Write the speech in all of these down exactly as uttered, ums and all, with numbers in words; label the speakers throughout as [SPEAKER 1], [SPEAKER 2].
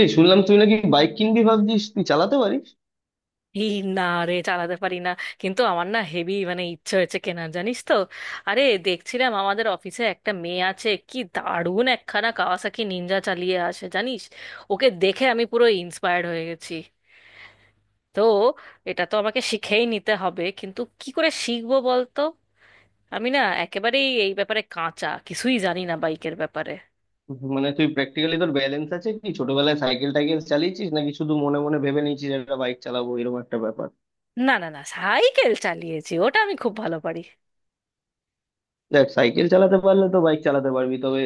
[SPEAKER 1] এই শুনলাম তুই নাকি বাইক কিনবি ভাবছিস, তুই চালাতে পারিস?
[SPEAKER 2] এই না রে, চালাতে পারি না। কিন্তু আমার না হেভি মানে ইচ্ছে হয়েছে কেনার, জানিস তো। আরে দেখছিলাম আমাদের অফিসে একটা মেয়ে আছে, কি দারুণ একখানা কাওয়াসাকি নিনজা চালিয়ে আসে জানিস। ওকে দেখে আমি পুরো ইন্সপায়ার্ড হয়ে গেছি। তো এটা তো আমাকে শিখেই নিতে হবে, কিন্তু কি করে শিখবো বলতো। আমি না একেবারেই এই ব্যাপারে কাঁচা, কিছুই জানি না বাইকের ব্যাপারে।
[SPEAKER 1] মানে, তুই প্র্যাকটিক্যালি তোর ব্যালেন্স আছে কি? ছোটবেলায় সাইকেল টাইকেল চালিয়েছিস, নাকি শুধু মনে মনে ভেবে নিয়েছিস একটা বাইক চালাবো এরকম একটা ব্যাপার?
[SPEAKER 2] না না না, সাইকেল চালিয়েছি, ওটা আমি খুব ভালো পারি।
[SPEAKER 1] দেখ, সাইকেল চালাতে পারলে তো বাইক চালাতে পারবি। তবে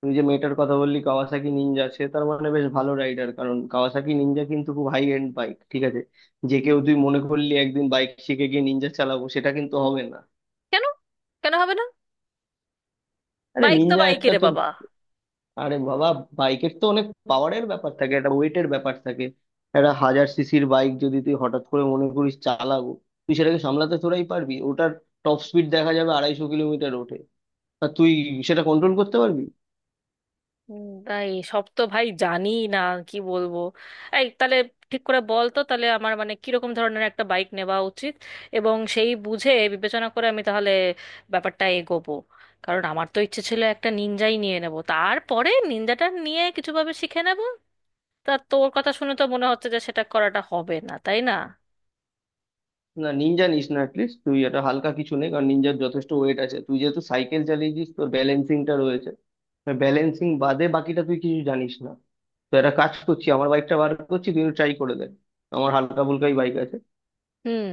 [SPEAKER 1] তুই যে মেয়েটার কথা বললি, কাওয়াসাকি নিনজা, সে তার মানে বেশ ভালো রাইডার, কারণ কাওয়াসাকি নিনজা কিন্তু খুব হাই এন্ড বাইক, ঠিক আছে? যে কেউ তুই মনে করলি একদিন বাইক শিখে গিয়ে নিনজা চালাবো, সেটা কিন্তু হবে না।
[SPEAKER 2] কেন? কেন হবে না?
[SPEAKER 1] আরে
[SPEAKER 2] বাইক তো
[SPEAKER 1] নিনজা একটা
[SPEAKER 2] বাইকেরে
[SPEAKER 1] তোর।
[SPEAKER 2] বাবা।
[SPEAKER 1] আরে বাবা, বাইকের তো অনেক পাওয়ারের ব্যাপার থাকে, একটা ওয়েটের ব্যাপার থাকে। একটা হাজার সিসির বাইক যদি তুই হঠাৎ করে মনে করিস চালাবো, তুই সেটাকে সামলাতে তোরাই পারবি? ওটার টপ স্পিড দেখা যাবে আড়াইশো কিলোমিটার ওঠে। আর তুই সেটা কন্ট্রোল করতে পারবি?
[SPEAKER 2] উম, তাই সব তো ভাই জানি না, কি বলবো। এই তাহলে ঠিক করে বল তো, তাহলে আমার মানে কিরকম ধরনের একটা বাইক নেওয়া উচিত, এবং সেই বুঝে বিবেচনা করে আমি তাহলে ব্যাপারটা এগোবো। কারণ আমার তো ইচ্ছে ছিল একটা নিনজাই নিয়ে নেব, তারপরে নিনজাটা নিয়ে কিছুভাবে শিখে নেব। তা তোর কথা শুনে তো মনে হচ্ছে যে সেটা করাটা হবে না, তাই না?
[SPEAKER 1] না, নিনজা নিস না। অ্যাটলিস্ট তুই এটা হালকা কিছু নেই, কারণ নিনজার যথেষ্ট ওয়েট আছে। তুই যেহেতু সাইকেল চালিয়েছিস, তোর ব্যালেন্সিংটা রয়েছে। ব্যালেন্সিং বাদে বাকিটা তুই কিছু জানিস না। তো একটা কাজ করছি, আমার বাইকটা বার করছি, তুই ট্রাই করে দে। আমার হালকা ফুলকাই বাইক আছে।
[SPEAKER 2] হুম।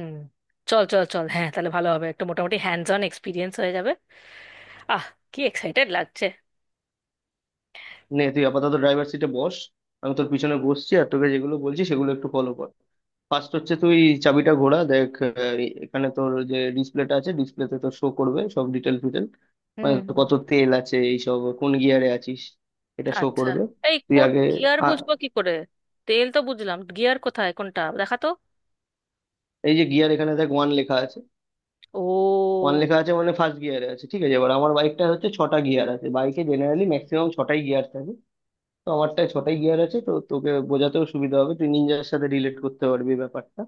[SPEAKER 2] চল চল চল, হ্যাঁ তাহলে ভালো হবে, একটু মোটামুটি হ্যান্ডস অন এক্সপিরিয়েন্স হয়ে যাবে। আহ কি এক্সাইটেড লাগছে।
[SPEAKER 1] নে, তুই আপাতত ড্রাইভার সিটে বস। আমি তোর পিছনে বসছি, আর তোকে যেগুলো বলছি সেগুলো একটু ফলো কর। ফার্স্ট হচ্ছে, তুই চাবিটা ঘোরা। দেখ, আহ, এ- এখানে তোর যে ডিসপ্লেটা আছে, ডিসপ্লেতে তোর শো করবে সব ডিটেল ফিটেল। মানে,
[SPEAKER 2] হুম।
[SPEAKER 1] তোর কত তেল আছে এইসব, কোন গিয়ারে আছিস, এটা শো
[SPEAKER 2] আচ্ছা
[SPEAKER 1] করবে।
[SPEAKER 2] এই
[SPEAKER 1] তুই
[SPEAKER 2] কোন
[SPEAKER 1] আগে
[SPEAKER 2] গিয়ার
[SPEAKER 1] আ-
[SPEAKER 2] বুঝবো কি করে? তেল তো বুঝলাম, গিয়ার কোথায় কোনটা দেখা তো।
[SPEAKER 1] এই যে গিয়ার, এখানে দেখ ওয়ান লেখা আছে।
[SPEAKER 2] ও
[SPEAKER 1] ওয়ান লেখা আছে মানে ফার্স্ট গিয়ারে আছে। ঠিক আছে, এবার আমার বাইকটা হচ্ছে ছটা গিয়ার আছে। বাইকে জেনারেলি ম্যাক্সিমাম ছটাই গিয়ার থাকে। তো আমারটায় ছটাই গিয়ার আছে, তো তোকে বোঝাতেও সুবিধা হবে, তুই নিনজার সাথে রিলেট করতে পারবি ব্যাপারটা।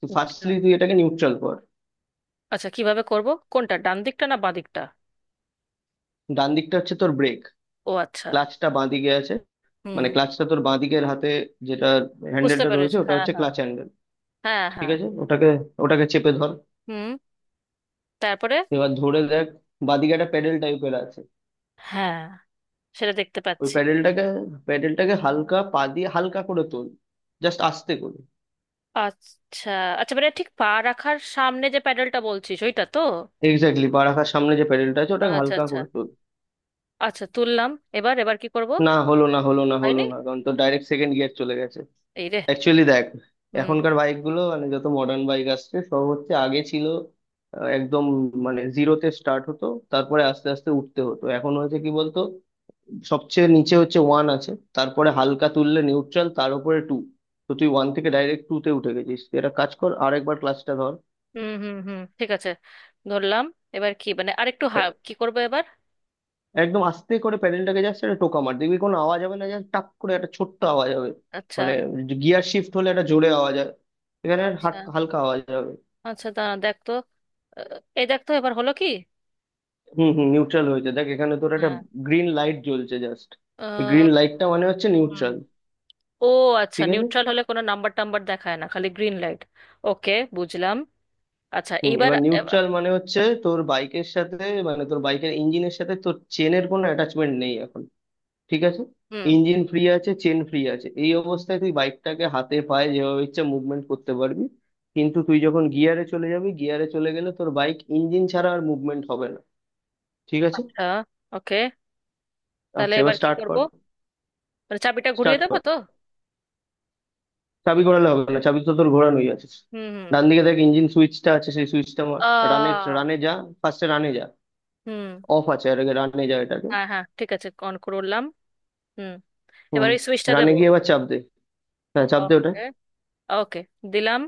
[SPEAKER 1] তো
[SPEAKER 2] আচ্ছা।
[SPEAKER 1] ফার্স্টলি তুই এটাকে নিউট্রাল কর।
[SPEAKER 2] আচ্ছা কিভাবে করব? কোনটা, ডান দিকটা না বাঁ দিকটা?
[SPEAKER 1] ডান দিকটা হচ্ছে তোর ব্রেক,
[SPEAKER 2] ও আচ্ছা।
[SPEAKER 1] ক্লাচটা বাঁ দিকে আছে।
[SPEAKER 2] হুম,
[SPEAKER 1] মানে ক্লাচটা তোর বাঁ দিকের হাতে যেটা
[SPEAKER 2] বুঝতে
[SPEAKER 1] হ্যান্ডেলটা রয়েছে,
[SPEAKER 2] পেরেছি,
[SPEAKER 1] ওটা
[SPEAKER 2] হ্যাঁ
[SPEAKER 1] হচ্ছে
[SPEAKER 2] হ্যাঁ।
[SPEAKER 1] Clutch handle.
[SPEAKER 2] হ্যাঁ
[SPEAKER 1] ঠিক
[SPEAKER 2] হ্যাঁ।
[SPEAKER 1] আছে, ওটাকে ওটাকে চেপে ধর।
[SPEAKER 2] হুম। তারপরে?
[SPEAKER 1] এবার ধরে দেখ, বাঁ দিকে একটা প্যাডেল টাইপের আছে।
[SPEAKER 2] হ্যাঁ, সেটা দেখতে
[SPEAKER 1] ওই
[SPEAKER 2] পাচ্ছি।
[SPEAKER 1] প্যাডেলটাকে, প্যাডেলটাকে হালকা পা দিয়ে হালকা করে তোল, জাস্ট আস্তে করে।
[SPEAKER 2] আচ্ছা আচ্ছা, মানে ঠিক পা রাখার সামনে যে প্যাডেলটা বলছিস, ওইটা তো?
[SPEAKER 1] এক্স্যাক্টলি পা রাখার সামনে যে প্যাডেলটা আছে, ওটাকে
[SPEAKER 2] আচ্ছা
[SPEAKER 1] হালকা
[SPEAKER 2] আচ্ছা।
[SPEAKER 1] করে তোল।
[SPEAKER 2] আচ্ছা তুললাম। এবার এবার কি করব?
[SPEAKER 1] না হলো, না হলো, না হলো
[SPEAKER 2] হয়নি।
[SPEAKER 1] না, কারণ তোর ডাইরেক্ট সেকেন্ড গিয়ার চলে গেছে।
[SPEAKER 2] এই
[SPEAKER 1] অ্যাকচুয়ালি দেখ,
[SPEAKER 2] রে।
[SPEAKER 1] এখনকার বাইকগুলো মানে যত মডার্ন বাইক আসছে, সব হচ্ছে আগে ছিল আহ, একদম, মানে জিরোতে স্টার্ট হতো, তারপরে আস্তে আস্তে উঠতে হতো। এখন হয়েছে কি বলতো, সবচেয়ে নিচে হচ্ছে ওয়ান আছে, তারপরে হালকা তুললে নিউট্রাল, তার উপরে টু। তো তুই ওয়ান থেকে ডাইরেক্ট টু তে উঠে গেছিস। তুই একটা কাজ কর, আর একবার ক্লাসটা ধর।
[SPEAKER 2] হুম হুম হুম, ঠিক আছে। ধরলাম। এবার কি, মানে আরেকটু
[SPEAKER 1] প্যা-
[SPEAKER 2] হা- কি করবো এবার?
[SPEAKER 1] একদম আস্তে করে প্যাডেলটাকে যাচ্ছে একটা টোকা মার, দেখবি কোনো আওয়াজ হবে না, জাস্ট টাক করে একটা ছোট্ট আওয়াজ হবে।
[SPEAKER 2] আচ্ছা
[SPEAKER 1] মানে গিয়ার শিফট হলে একটা জোরে আওয়াজ হয়, এখানে
[SPEAKER 2] আচ্ছা
[SPEAKER 1] হাট- হালকা আওয়াজ হবে।
[SPEAKER 2] আচ্ছা। দাঁড়া দেখ তো। আহ, এই দেখ তো এবার হলো কি।
[SPEAKER 1] হুম হুম, নিউট্রাল হয়েছে। দেখ, এখানে তোর একটা
[SPEAKER 2] হ্যাঁ।
[SPEAKER 1] গ্রিন লাইট জ্বলছে জাস্ট। গ্রিন
[SPEAKER 2] আহ,
[SPEAKER 1] লাইটটা মানে হচ্ছে
[SPEAKER 2] হুম।
[SPEAKER 1] নিউট্রাল।
[SPEAKER 2] ও আচ্ছা,
[SPEAKER 1] ঠিক আছে।
[SPEAKER 2] নিউট্রাল হলে কোনো নাম্বার টাম্বার দেখায় না, খালি গ্রিন লাইট? ওকে, বুঝলাম। আচ্ছা
[SPEAKER 1] হুম,
[SPEAKER 2] এইবার।
[SPEAKER 1] এবার
[SPEAKER 2] এবার।
[SPEAKER 1] নিউট্রাল মানে হচ্ছে তোর বাইকের সাথে, মানে তোর বাইকের ইঞ্জিনের সাথে তোর চেনের কোনো অ্যাটাচমেন্ট নেই এখন, ঠিক আছে?
[SPEAKER 2] হুম।
[SPEAKER 1] ইঞ্জিন ফ্রি আছে, চেন ফ্রি আছে, এই অবস্থায় তুই বাইকটাকে হাতে পায়ে যেভাবে ইচ্ছা মুভমেন্ট করতে পারবি। কিন্তু তুই যখন গিয়ারে চলে যাবি, গিয়ারে চলে গেলে তোর বাইক ইঞ্জিন ছাড়া আর মুভমেন্ট হবে না, ঠিক আছে?
[SPEAKER 2] আচ্ছা। ওকে, তাহলে
[SPEAKER 1] আচ্ছা, এবার
[SPEAKER 2] এবার কি
[SPEAKER 1] স্টার্ট
[SPEAKER 2] করব?
[SPEAKER 1] কর।
[SPEAKER 2] মানে চাবিটা
[SPEAKER 1] স্টার্ট
[SPEAKER 2] ঘুরিয়ে দেবো
[SPEAKER 1] কর,
[SPEAKER 2] তো?
[SPEAKER 1] চাবি ঘোরালে হবে না, চাবি তো তোর ঘোরানোই আছে।
[SPEAKER 2] হুম হুম।
[SPEAKER 1] ডান দিকে দেখ ইঞ্জিন সুইচটা আছে, সেই সুইচটা মার। রানে,
[SPEAKER 2] আহ
[SPEAKER 1] রানে যা, ফার্স্টে রানে যা।
[SPEAKER 2] হুম।
[SPEAKER 1] অফ আছে, আর আগে রানে যা এটাকে।
[SPEAKER 2] হ্যাঁ হ্যাঁ ঠিক আছে, অন করলাম। হুম। এবার
[SPEAKER 1] হুম,
[SPEAKER 2] ওই সুইচটা
[SPEAKER 1] রানে
[SPEAKER 2] দেবো?
[SPEAKER 1] গিয়ে এবার চাপ দে, হ্যাঁ চাপ দে ওটা।
[SPEAKER 2] ওকে ওকে, দিলাম।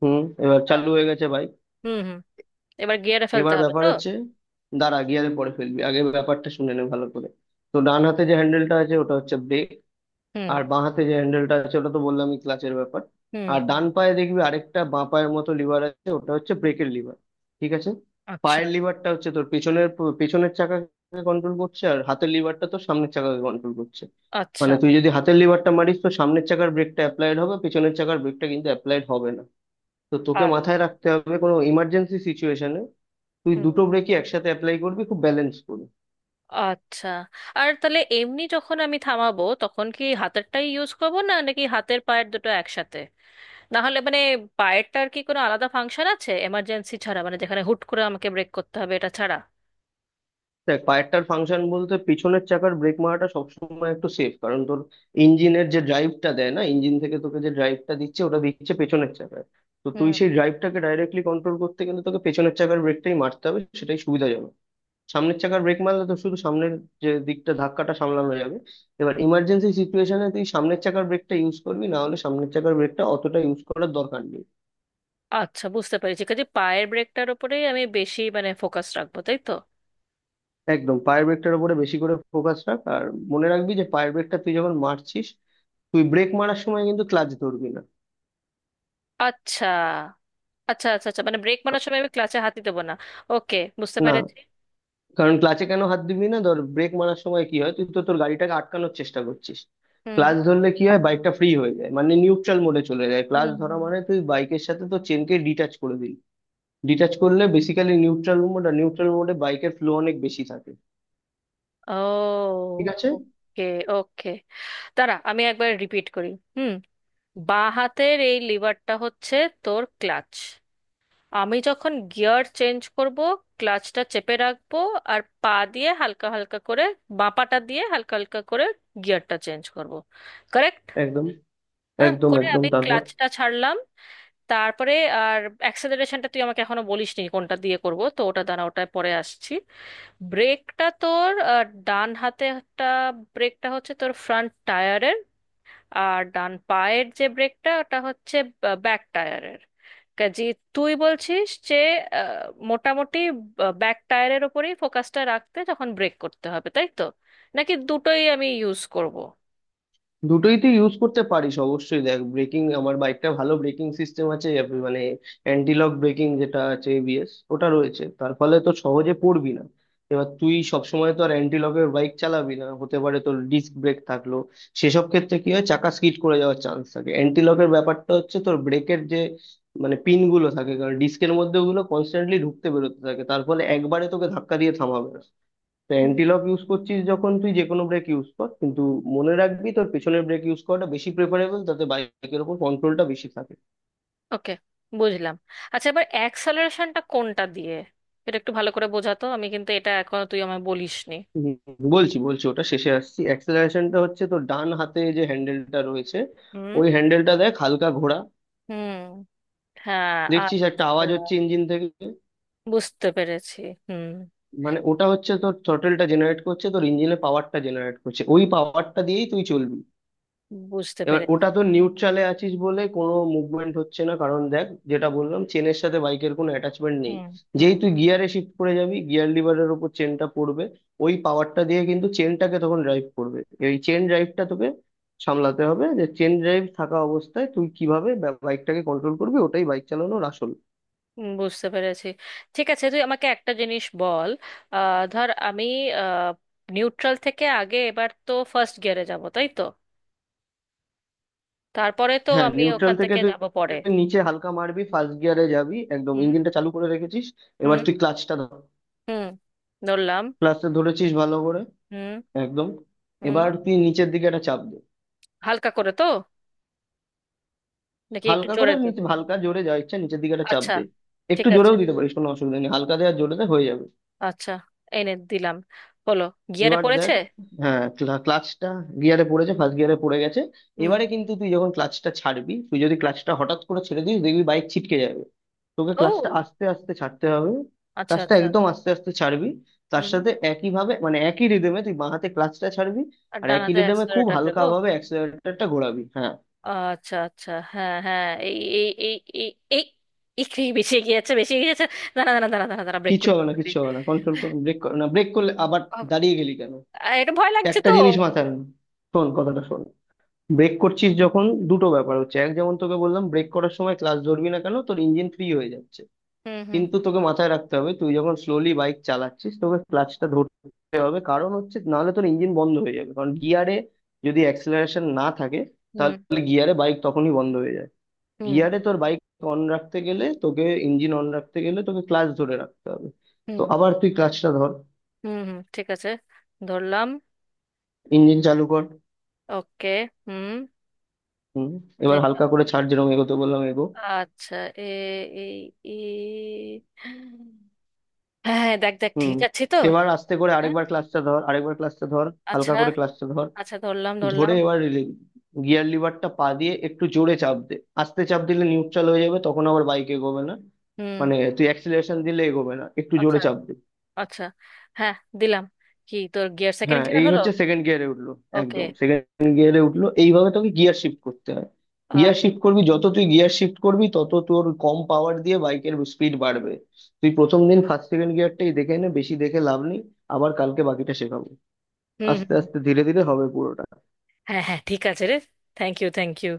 [SPEAKER 1] হুম, এবার
[SPEAKER 2] ডান।
[SPEAKER 1] চালু হয়ে গেছে বাইক।
[SPEAKER 2] হুম হুম। এবার গিয়ারে ফেলতে
[SPEAKER 1] এবার
[SPEAKER 2] হবে
[SPEAKER 1] ব্যাপার
[SPEAKER 2] তো?
[SPEAKER 1] হচ্ছে, দাঁড়া, গিয়ারে পরে ফেলবি, আগে ব্যাপারটা শুনে নে ভালো করে। তো ডান হাতে যে হ্যান্ডেলটা আছে ওটা হচ্ছে ব্রেক।
[SPEAKER 2] হুম
[SPEAKER 1] আর বাঁ হাতে যে হ্যান্ডেলটা আছে ওটা তো বললামই, ক্লাচের ব্যাপার।
[SPEAKER 2] হুম
[SPEAKER 1] আর
[SPEAKER 2] হুম।
[SPEAKER 1] ডান পায়ে দেখবি আরেকটা বাঁ পায়ের মতো লিভার আছে, ওটা হচ্ছে ব্রেকের লিভার, ঠিক আছে?
[SPEAKER 2] আচ্ছা।
[SPEAKER 1] পায়ের লিভারটা হচ্ছে তোর পেছনের, পেছনের চাকাকে কন্ট্রোল করছে, আর হাতের লিভারটা তো সামনের চাকাকে কন্ট্রোল করছে।
[SPEAKER 2] আচ্ছা
[SPEAKER 1] মানে তুই যদি হাতের লিভারটা মারিস, তো সামনের চাকার ব্রেকটা অ্যাপ্লাইড হবে, পেছনের চাকার ব্রেকটা কিন্তু অ্যাপ্লাইড হবে না। তো তোকে
[SPEAKER 2] আ-
[SPEAKER 1] মাথায় রাখতে হবে, কোনো ইমার্জেন্সি সিচুয়েশনে তুই দুটো
[SPEAKER 2] হুম,
[SPEAKER 1] ব্রেকই একসাথে অ্যাপ্লাই করবি, খুব ব্যালেন্স করবি।
[SPEAKER 2] আচ্ছা। আর তাহলে এমনি যখন আমি থামাবো তখন কি হাতেরটাই ইউজ করবো, না নাকি হাতের পায়ের দুটো একসাথে? না হলে মানে পায়েরটার কি কোনো আলাদা ফাংশন আছে এমার্জেন্সি ছাড়া, মানে যেখানে হুট করে আমাকে ব্রেক করতে হবে এটা ছাড়া?
[SPEAKER 1] দেখ, পায়েরটার ফাংশন বলতে পিছনের চাকার ব্রেক মারাটা সবসময় একটু সেফ, কারণ তোর ইঞ্জিনের যে ড্রাইভটা দেয় না, ইঞ্জিন থেকে তোকে যে ড্রাইভটা দিচ্ছে ওটা দিচ্ছে পেছনের চাকায়। তো তুই
[SPEAKER 2] হুম।
[SPEAKER 1] সেই ড্রাইভটাকে ডাইরেক্টলি কন্ট্রোল করতে গেলে তোকে পেছনের চাকার ব্রেকটাই মারতে হবে, সেটাই সুবিধাজনক। সামনের চাকার ব্রেক মারলে তো শুধু সামনের যে দিকটা ধাক্কাটা সামলানো যাবে। এবার ইমার্জেন্সি সিচুয়েশনে তুই সামনের চাকার ব্রেকটা ইউজ করবি, না হলে সামনের চাকার ব্রেকটা অতটা ইউজ করার দরকার নেই।
[SPEAKER 2] আচ্ছা বুঝতে পেরেছি, কাজে পায়ের ব্রেকটার উপরেই আমি বেশি মানে ফোকাস রাখবো, তাই তো?
[SPEAKER 1] একদম পায়ের ব্রেকটার উপরে বেশি করে ফোকাস রাখ, আর মনে রাখবি যে পায়ের ব্রেকটা তুই যখন মারছিস, তুই ব্রেক মারার সময় কিন্তু ক্লাচ ধরবি না।
[SPEAKER 2] আচ্ছা আচ্ছা আচ্ছা। আচ্ছা, মানে ব্রেক মারার
[SPEAKER 1] কা-
[SPEAKER 2] সময় আমি ক্লাচে হাতই দেবো না। ওকে বুঝতে
[SPEAKER 1] না,
[SPEAKER 2] পেরেছি।
[SPEAKER 1] কারণ ক্লাচে কেন হাত দিবি না, ধর ব্রেক মারার সময় কি হয়, তুই তো তোর গাড়িটাকে আটকানোর চেষ্টা করছিস।
[SPEAKER 2] হুম
[SPEAKER 1] ক্লাচ ধরলে কি হয়, বাইকটা ফ্রি হয়ে যায়, মানে নিউট্রাল মোডে চলে যায়, ক্লাচ
[SPEAKER 2] হুম।
[SPEAKER 1] ধরা মানে তুই বাইকের সাথে তো চেনকে ডিটাচ করে দিলি। ডিটাচ করলে বেসিক্যালি নিউট্রাল মোড, আর নিউট্রাল মোডে বাইকের ফ্লো অনেক বেশি থাকে,
[SPEAKER 2] ও।
[SPEAKER 1] ঠিক আছে?
[SPEAKER 2] ওকে ওকে, দাঁড়া আমি একবার রিপিট করি। হুম। বাঁ হাতের এই লিভারটা হচ্ছে তোর ক্লাচ। আমি যখন গিয়ার চেঞ্জ করব, ক্লাচটা চেপে রাখবো। আর পা দিয়ে হালকা হালকা করে, বাঁ পাটা দিয়ে হালকা হালকা করে, গিয়ারটা চেঞ্জ করব। কারেক্ট?
[SPEAKER 1] একদম
[SPEAKER 2] হ্যাঁ
[SPEAKER 1] একদম
[SPEAKER 2] করে
[SPEAKER 1] একদম,
[SPEAKER 2] আমি
[SPEAKER 1] তারপর
[SPEAKER 2] ক্লাচটা ছাড়লাম। তারপরে। আর অ্যাক্সেলারেশনটা তুই আমাকে এখনো বলিসনি কোনটা দিয়ে করব, তো ওটা দাঁড়া ওটায় পরে আসছি। ব্রেকটা তোর আহ, ডান হাতে একটা ব্রেকটা হচ্ছে তোর ফ্রন্ট টায়ারের, আর ডান পায়ের যে ব্রেকটা ওটা হচ্ছে ব্যাক টায়ারের। কাজে তুই বলছিস যে আহ, মোটামুটি ব্যাক টায়ারের ওপরেই ফোকাসটা রাখতে যখন ব্রেক করতে হবে, তাই তো? নাকি দুটোই আমি ইউজ করব?
[SPEAKER 1] দুটোই তুই ইউজ করতে পারিস অবশ্যই। দেখ ব্রেকিং, আমার বাইকটা ভালো ব্রেকিং সিস্টেম আছে, এব- মানে অ্যান্টি লক ব্রেকিং যেটা আছে, এবিএস, ওটা রয়েছে, তার ফলে তো সহজে পড়বি না। এবার তুই সবসময় তো আর অ্যান্টি লকের বাইক চালাবি না, হতে পারে তোর ডিস্ক ব্রেক থাকলো, সেসব ক্ষেত্রে কি হয় চাকা স্কিড করে যাওয়ার চান্স থাকে। অ্যান্টি লকের ব্যাপারটা হচ্ছে তোর ব্রেকের যে, মানে পিন গুলো থাকে, কারণ ডিস্কের মধ্যে ওগুলো কনস্ট্যান্টলি ঢুকতে বেরোতে থাকে, তার ফলে একবারে তোকে ধাক্কা দিয়ে থামাবে না। তো অ্যান্টিলক ইউজ করছিস যখন, তুই যে কোনো ব্রেক ইউজ কর, কিন্তু মনে রাখবি তোর পেছনের ব্রেক ইউজ করাটা বেশি প্রেফারেবল, তাতে বাইকের উপর কন্ট্রোলটা বেশি থাকে।
[SPEAKER 2] ওকে বুঝলাম। আচ্ছা এবার অ্যাক্সেলারেশনটা কোনটা দিয়ে, এটা একটু ভালো করে বোঝাতো, আমি কিন্তু এটা এখনো তুই আমায় বলিসনি।
[SPEAKER 1] হুম, বলছি বলছি, ওটা শেষে আসছি। অ্যাক্সেলারেশনটা হচ্ছে তোর ডান হাতে যে হ্যান্ডেলটা রয়েছে,
[SPEAKER 2] হুম
[SPEAKER 1] ওই হ্যান্ডেলটা দেখ হালকা ঘোরা।
[SPEAKER 2] হুম। হ্যাঁ
[SPEAKER 1] দেখছিস একটা
[SPEAKER 2] আচ্ছা।
[SPEAKER 1] আওয়াজ হচ্ছে ইঞ্জিন থেকে?
[SPEAKER 2] বুঝতে পেরেছি। হুম।
[SPEAKER 1] মানে ওটা হচ্ছে তোর থ্রটলটা জেনারেট করছে, তোর ইঞ্জিনের পাওয়ারটা জেনারেট করছে, ওই পাওয়ারটা দিয়েই তুই চলবি।
[SPEAKER 2] বুঝতে
[SPEAKER 1] এবার
[SPEAKER 2] পেরেছি।
[SPEAKER 1] ওটা তো নিউট্রালে আছিস বলে কোনো মুভমেন্ট হচ্ছে না, কারণ দেখ যেটা বললাম, চেনের সাথে বাইকের কোনো অ্যাটাচমেন্ট নেই।
[SPEAKER 2] হুম হুম।
[SPEAKER 1] যেই তুই গিয়ারে শিফট করে যাবি, গিয়ার লিভারের ওপর চেনটা পড়বে, ওই পাওয়ারটা দিয়ে কিন্তু চেনটাকে তখন ড্রাইভ করবে। এই চেন ড্রাইভটা তোকে সামলাতে হবে, যে চেন ড্রাইভ থাকা অবস্থায় তুই কিভাবে বাইকটাকে কন্ট্রোল করবি, ওটাই বাইক চালানোর আসল।
[SPEAKER 2] হুম, বুঝতে পেরেছি। ঠিক আছে তুই আমাকে একটা জিনিস বল। আহ, ধর আমি নিউট্রাল থেকে আগে এবার তো ফার্স্ট গিয়ারে যাব, তাই তো? তারপরে তো
[SPEAKER 1] হ্যাঁ,
[SPEAKER 2] আমি
[SPEAKER 1] নিউট্রাল
[SPEAKER 2] ওখান
[SPEAKER 1] থেকে
[SPEAKER 2] থেকে
[SPEAKER 1] তুই
[SPEAKER 2] যাব পরে।
[SPEAKER 1] নিচে হালকা মারবি ফার্স্ট গিয়ারে যাবি, একদম
[SPEAKER 2] হুম
[SPEAKER 1] ইঞ্জিনটা চালু করে রেখেছিস। এবার
[SPEAKER 2] হুম।
[SPEAKER 1] তুই ক্লাচটা ধর।
[SPEAKER 2] হুম, ধরলাম।
[SPEAKER 1] ক্লাচটা ধরেছিস ভালো করে?
[SPEAKER 2] হুম।
[SPEAKER 1] একদম।
[SPEAKER 2] হুম।
[SPEAKER 1] এবার তুই নিচের দিকে একটা চাপ দে।
[SPEAKER 2] হালকা করে তো, নাকি একটু
[SPEAKER 1] হালকা করে,
[SPEAKER 2] জোরে দেব?
[SPEAKER 1] নিচে হালকা জোরে যা ইচ্ছা, নিচের দিকে একটা চাপ
[SPEAKER 2] আচ্ছা।
[SPEAKER 1] দে।
[SPEAKER 2] ঠিক
[SPEAKER 1] একটু
[SPEAKER 2] আছে।
[SPEAKER 1] জোরেও দিতে পারিস, কোনো অসুবিধা নেই, হালকা দে আর জোরে দে হয়ে যাবে।
[SPEAKER 2] আচ্ছা, এনে দিলাম। হলো, গিয়ারে
[SPEAKER 1] এবার দেখ,
[SPEAKER 2] পড়েছে।
[SPEAKER 1] হ্যাঁ ক্লা- ক্লাচটা গিয়ারে পড়েছে, ফার্স্ট গিয়ারে পড়ে গেছে।
[SPEAKER 2] হুম।
[SPEAKER 1] এবারে কিন্তু তুই যখন ক্লাচটা ছাড়বি, তুই যদি ক্লাচটা হঠাৎ করে ছেড়ে দিস দেখবি বাইক ছিটকে যাবে, তোকে ক্লাচটা
[SPEAKER 2] ও
[SPEAKER 1] আস্তে আস্তে ছাড়তে হবে।
[SPEAKER 2] আচ্ছা
[SPEAKER 1] ক্লাচটা
[SPEAKER 2] আচ্ছা।
[SPEAKER 1] একদম আস্তে আস্তে ছাড়বি, তার
[SPEAKER 2] হুম।
[SPEAKER 1] সাথে একই ভাবে মানে একই রিদমে তুই বাঁ হাতে ক্লাচটা ছাড়বি।
[SPEAKER 2] আর
[SPEAKER 1] আর
[SPEAKER 2] ডান
[SPEAKER 1] একই
[SPEAKER 2] হাতে
[SPEAKER 1] রিদমে খুব
[SPEAKER 2] অ্যাক্সেলারেটর
[SPEAKER 1] হালকা
[SPEAKER 2] দেবো।
[SPEAKER 1] ভাবে অ্যাক্সেলারেটরটা ঘোরাবি, হ্যাঁ।
[SPEAKER 2] আচ্ছা আচ্ছা, হ্যাঁ হ্যাঁ, এই এই এই। এই। এই। একটু বেশি এগিয়ে যাচ্ছে, বেশি এগিয়ে যাচ্ছে। দাঁড়া দাঁড়া দাঁড়া দাঁড়া দাঁড়া, ব্রেক
[SPEAKER 1] কিচ্ছু
[SPEAKER 2] করি
[SPEAKER 1] হবে
[SPEAKER 2] ব্রেক
[SPEAKER 1] না,
[SPEAKER 2] করি।
[SPEAKER 1] কিচ্ছু হবে না, কন্ট্রোল করুন, ব্রেক করো না, ব্রেক করলে আবার
[SPEAKER 2] বাবা,
[SPEAKER 1] দাঁড়িয়ে গেলি কেন?
[SPEAKER 2] আহ, এটা ভয় লাগছে
[SPEAKER 1] একটা
[SPEAKER 2] তো।
[SPEAKER 1] জিনিস মাথায় রাখ, শোন কথাটা শোন। ব্রেক করছিস যখন, দুটো ব্যাপার হচ্ছে। এক, যেমন তোকে বললাম ব্রেক করার সময় ক্লাস ধরবি না, কেন, তোর ইঞ্জিন ফ্রি হয়ে যাচ্ছে।
[SPEAKER 2] হুম হুম।
[SPEAKER 1] কিন্তু তোকে মাথায় রাখতে হবে তুই যখন স্লোলি বাইক চালাচ্ছিস, তোকে ক্লাচটা ধরতে হবে, কারণ হচ্ছে নাহলে তোর ইঞ্জিন বন্ধ হয়ে যাবে, কারণ গিয়ারে যদি অ্যাক্সেলারেশন না থাকে
[SPEAKER 2] হুম
[SPEAKER 1] তাহলে গিয়ারে বাইক তখনই বন্ধ হয়ে যাবে।
[SPEAKER 2] হুম
[SPEAKER 1] গিয়ারে তোর বাইক অন রাখতে গেলে, তোকে ইঞ্জিন অন রাখতে গেলে তোকে ক্লাচ ধরে রাখতে হবে। তো
[SPEAKER 2] হুম
[SPEAKER 1] আবার তুই ক্লাচটা ধর।
[SPEAKER 2] হুম হুম, ঠিক আছে। ধরলাম।
[SPEAKER 1] ইঞ্জিন চালু কর।
[SPEAKER 2] ওকে। হুম।
[SPEAKER 1] হুম, এবার হালকা করে ছাড়, যেরকম এগোতে বললাম এগো।
[SPEAKER 2] আচ্ছা এ এই ই হ্যাঁ হ্যাঁ, দেখ দেখ
[SPEAKER 1] হুম,
[SPEAKER 2] ঠিক আছে তো।
[SPEAKER 1] এবার আস্তে করে
[SPEAKER 2] হ্যাঁ।
[SPEAKER 1] আরেকবার ক্লাচটা ধর, আরেকবার ক্লাচটা ধর হালকা
[SPEAKER 2] আচ্ছা
[SPEAKER 1] করে ক্লাচটা ধর।
[SPEAKER 2] আচ্ছা ধরলাম
[SPEAKER 1] ধরে
[SPEAKER 2] ধরলাম।
[SPEAKER 1] এবার গিয়ার লিভারটা পা দিয়ে একটু জোরে চাপ দে। আস্তে চাপ দিলে নিউট্রাল হয়ে যাবে, তখন আবার বাইক এগোবে না,
[SPEAKER 2] হুম।
[SPEAKER 1] মানে তুই অ্যাক্সিলারেশন দিলে এগোবে না, একটু
[SPEAKER 2] আচ্ছা
[SPEAKER 1] জোরে চাপ দে।
[SPEAKER 2] আচ্ছা। হ্যাঁ, দিলাম। কি, তোর গিয়ার সেকেন্ড
[SPEAKER 1] হ্যাঁ,
[SPEAKER 2] গিয়ার
[SPEAKER 1] এই
[SPEAKER 2] হলো?
[SPEAKER 1] হচ্ছে সেকেন্ড গিয়ারে উঠলো।
[SPEAKER 2] ওকে।
[SPEAKER 1] একদম সেকেন্ড গিয়ারে উঠলো, এইভাবে তোকে গিয়ার শিফট করতে হয়।
[SPEAKER 2] আর।
[SPEAKER 1] গিয়ার শিফট করবি, যত তুই গিয়ার শিফট করবি তত তোর কম পাওয়ার দিয়ে বাইকের স্পিড বাড়বে। তুই প্রথম দিন ফার্স্ট সেকেন্ড গিয়ারটাই দেখে নে, বেশি দেখে লাভ নেই, আবার কালকে বাকিটা শেখাবো।
[SPEAKER 2] হুম
[SPEAKER 1] আস্তে
[SPEAKER 2] হুম
[SPEAKER 1] আস্তে
[SPEAKER 2] হুম।
[SPEAKER 1] ধীরে ধীরে হবে পুরোটা।
[SPEAKER 2] হ্যাঁ হ্যাঁ ঠিক আছে রে। Thank you thank you.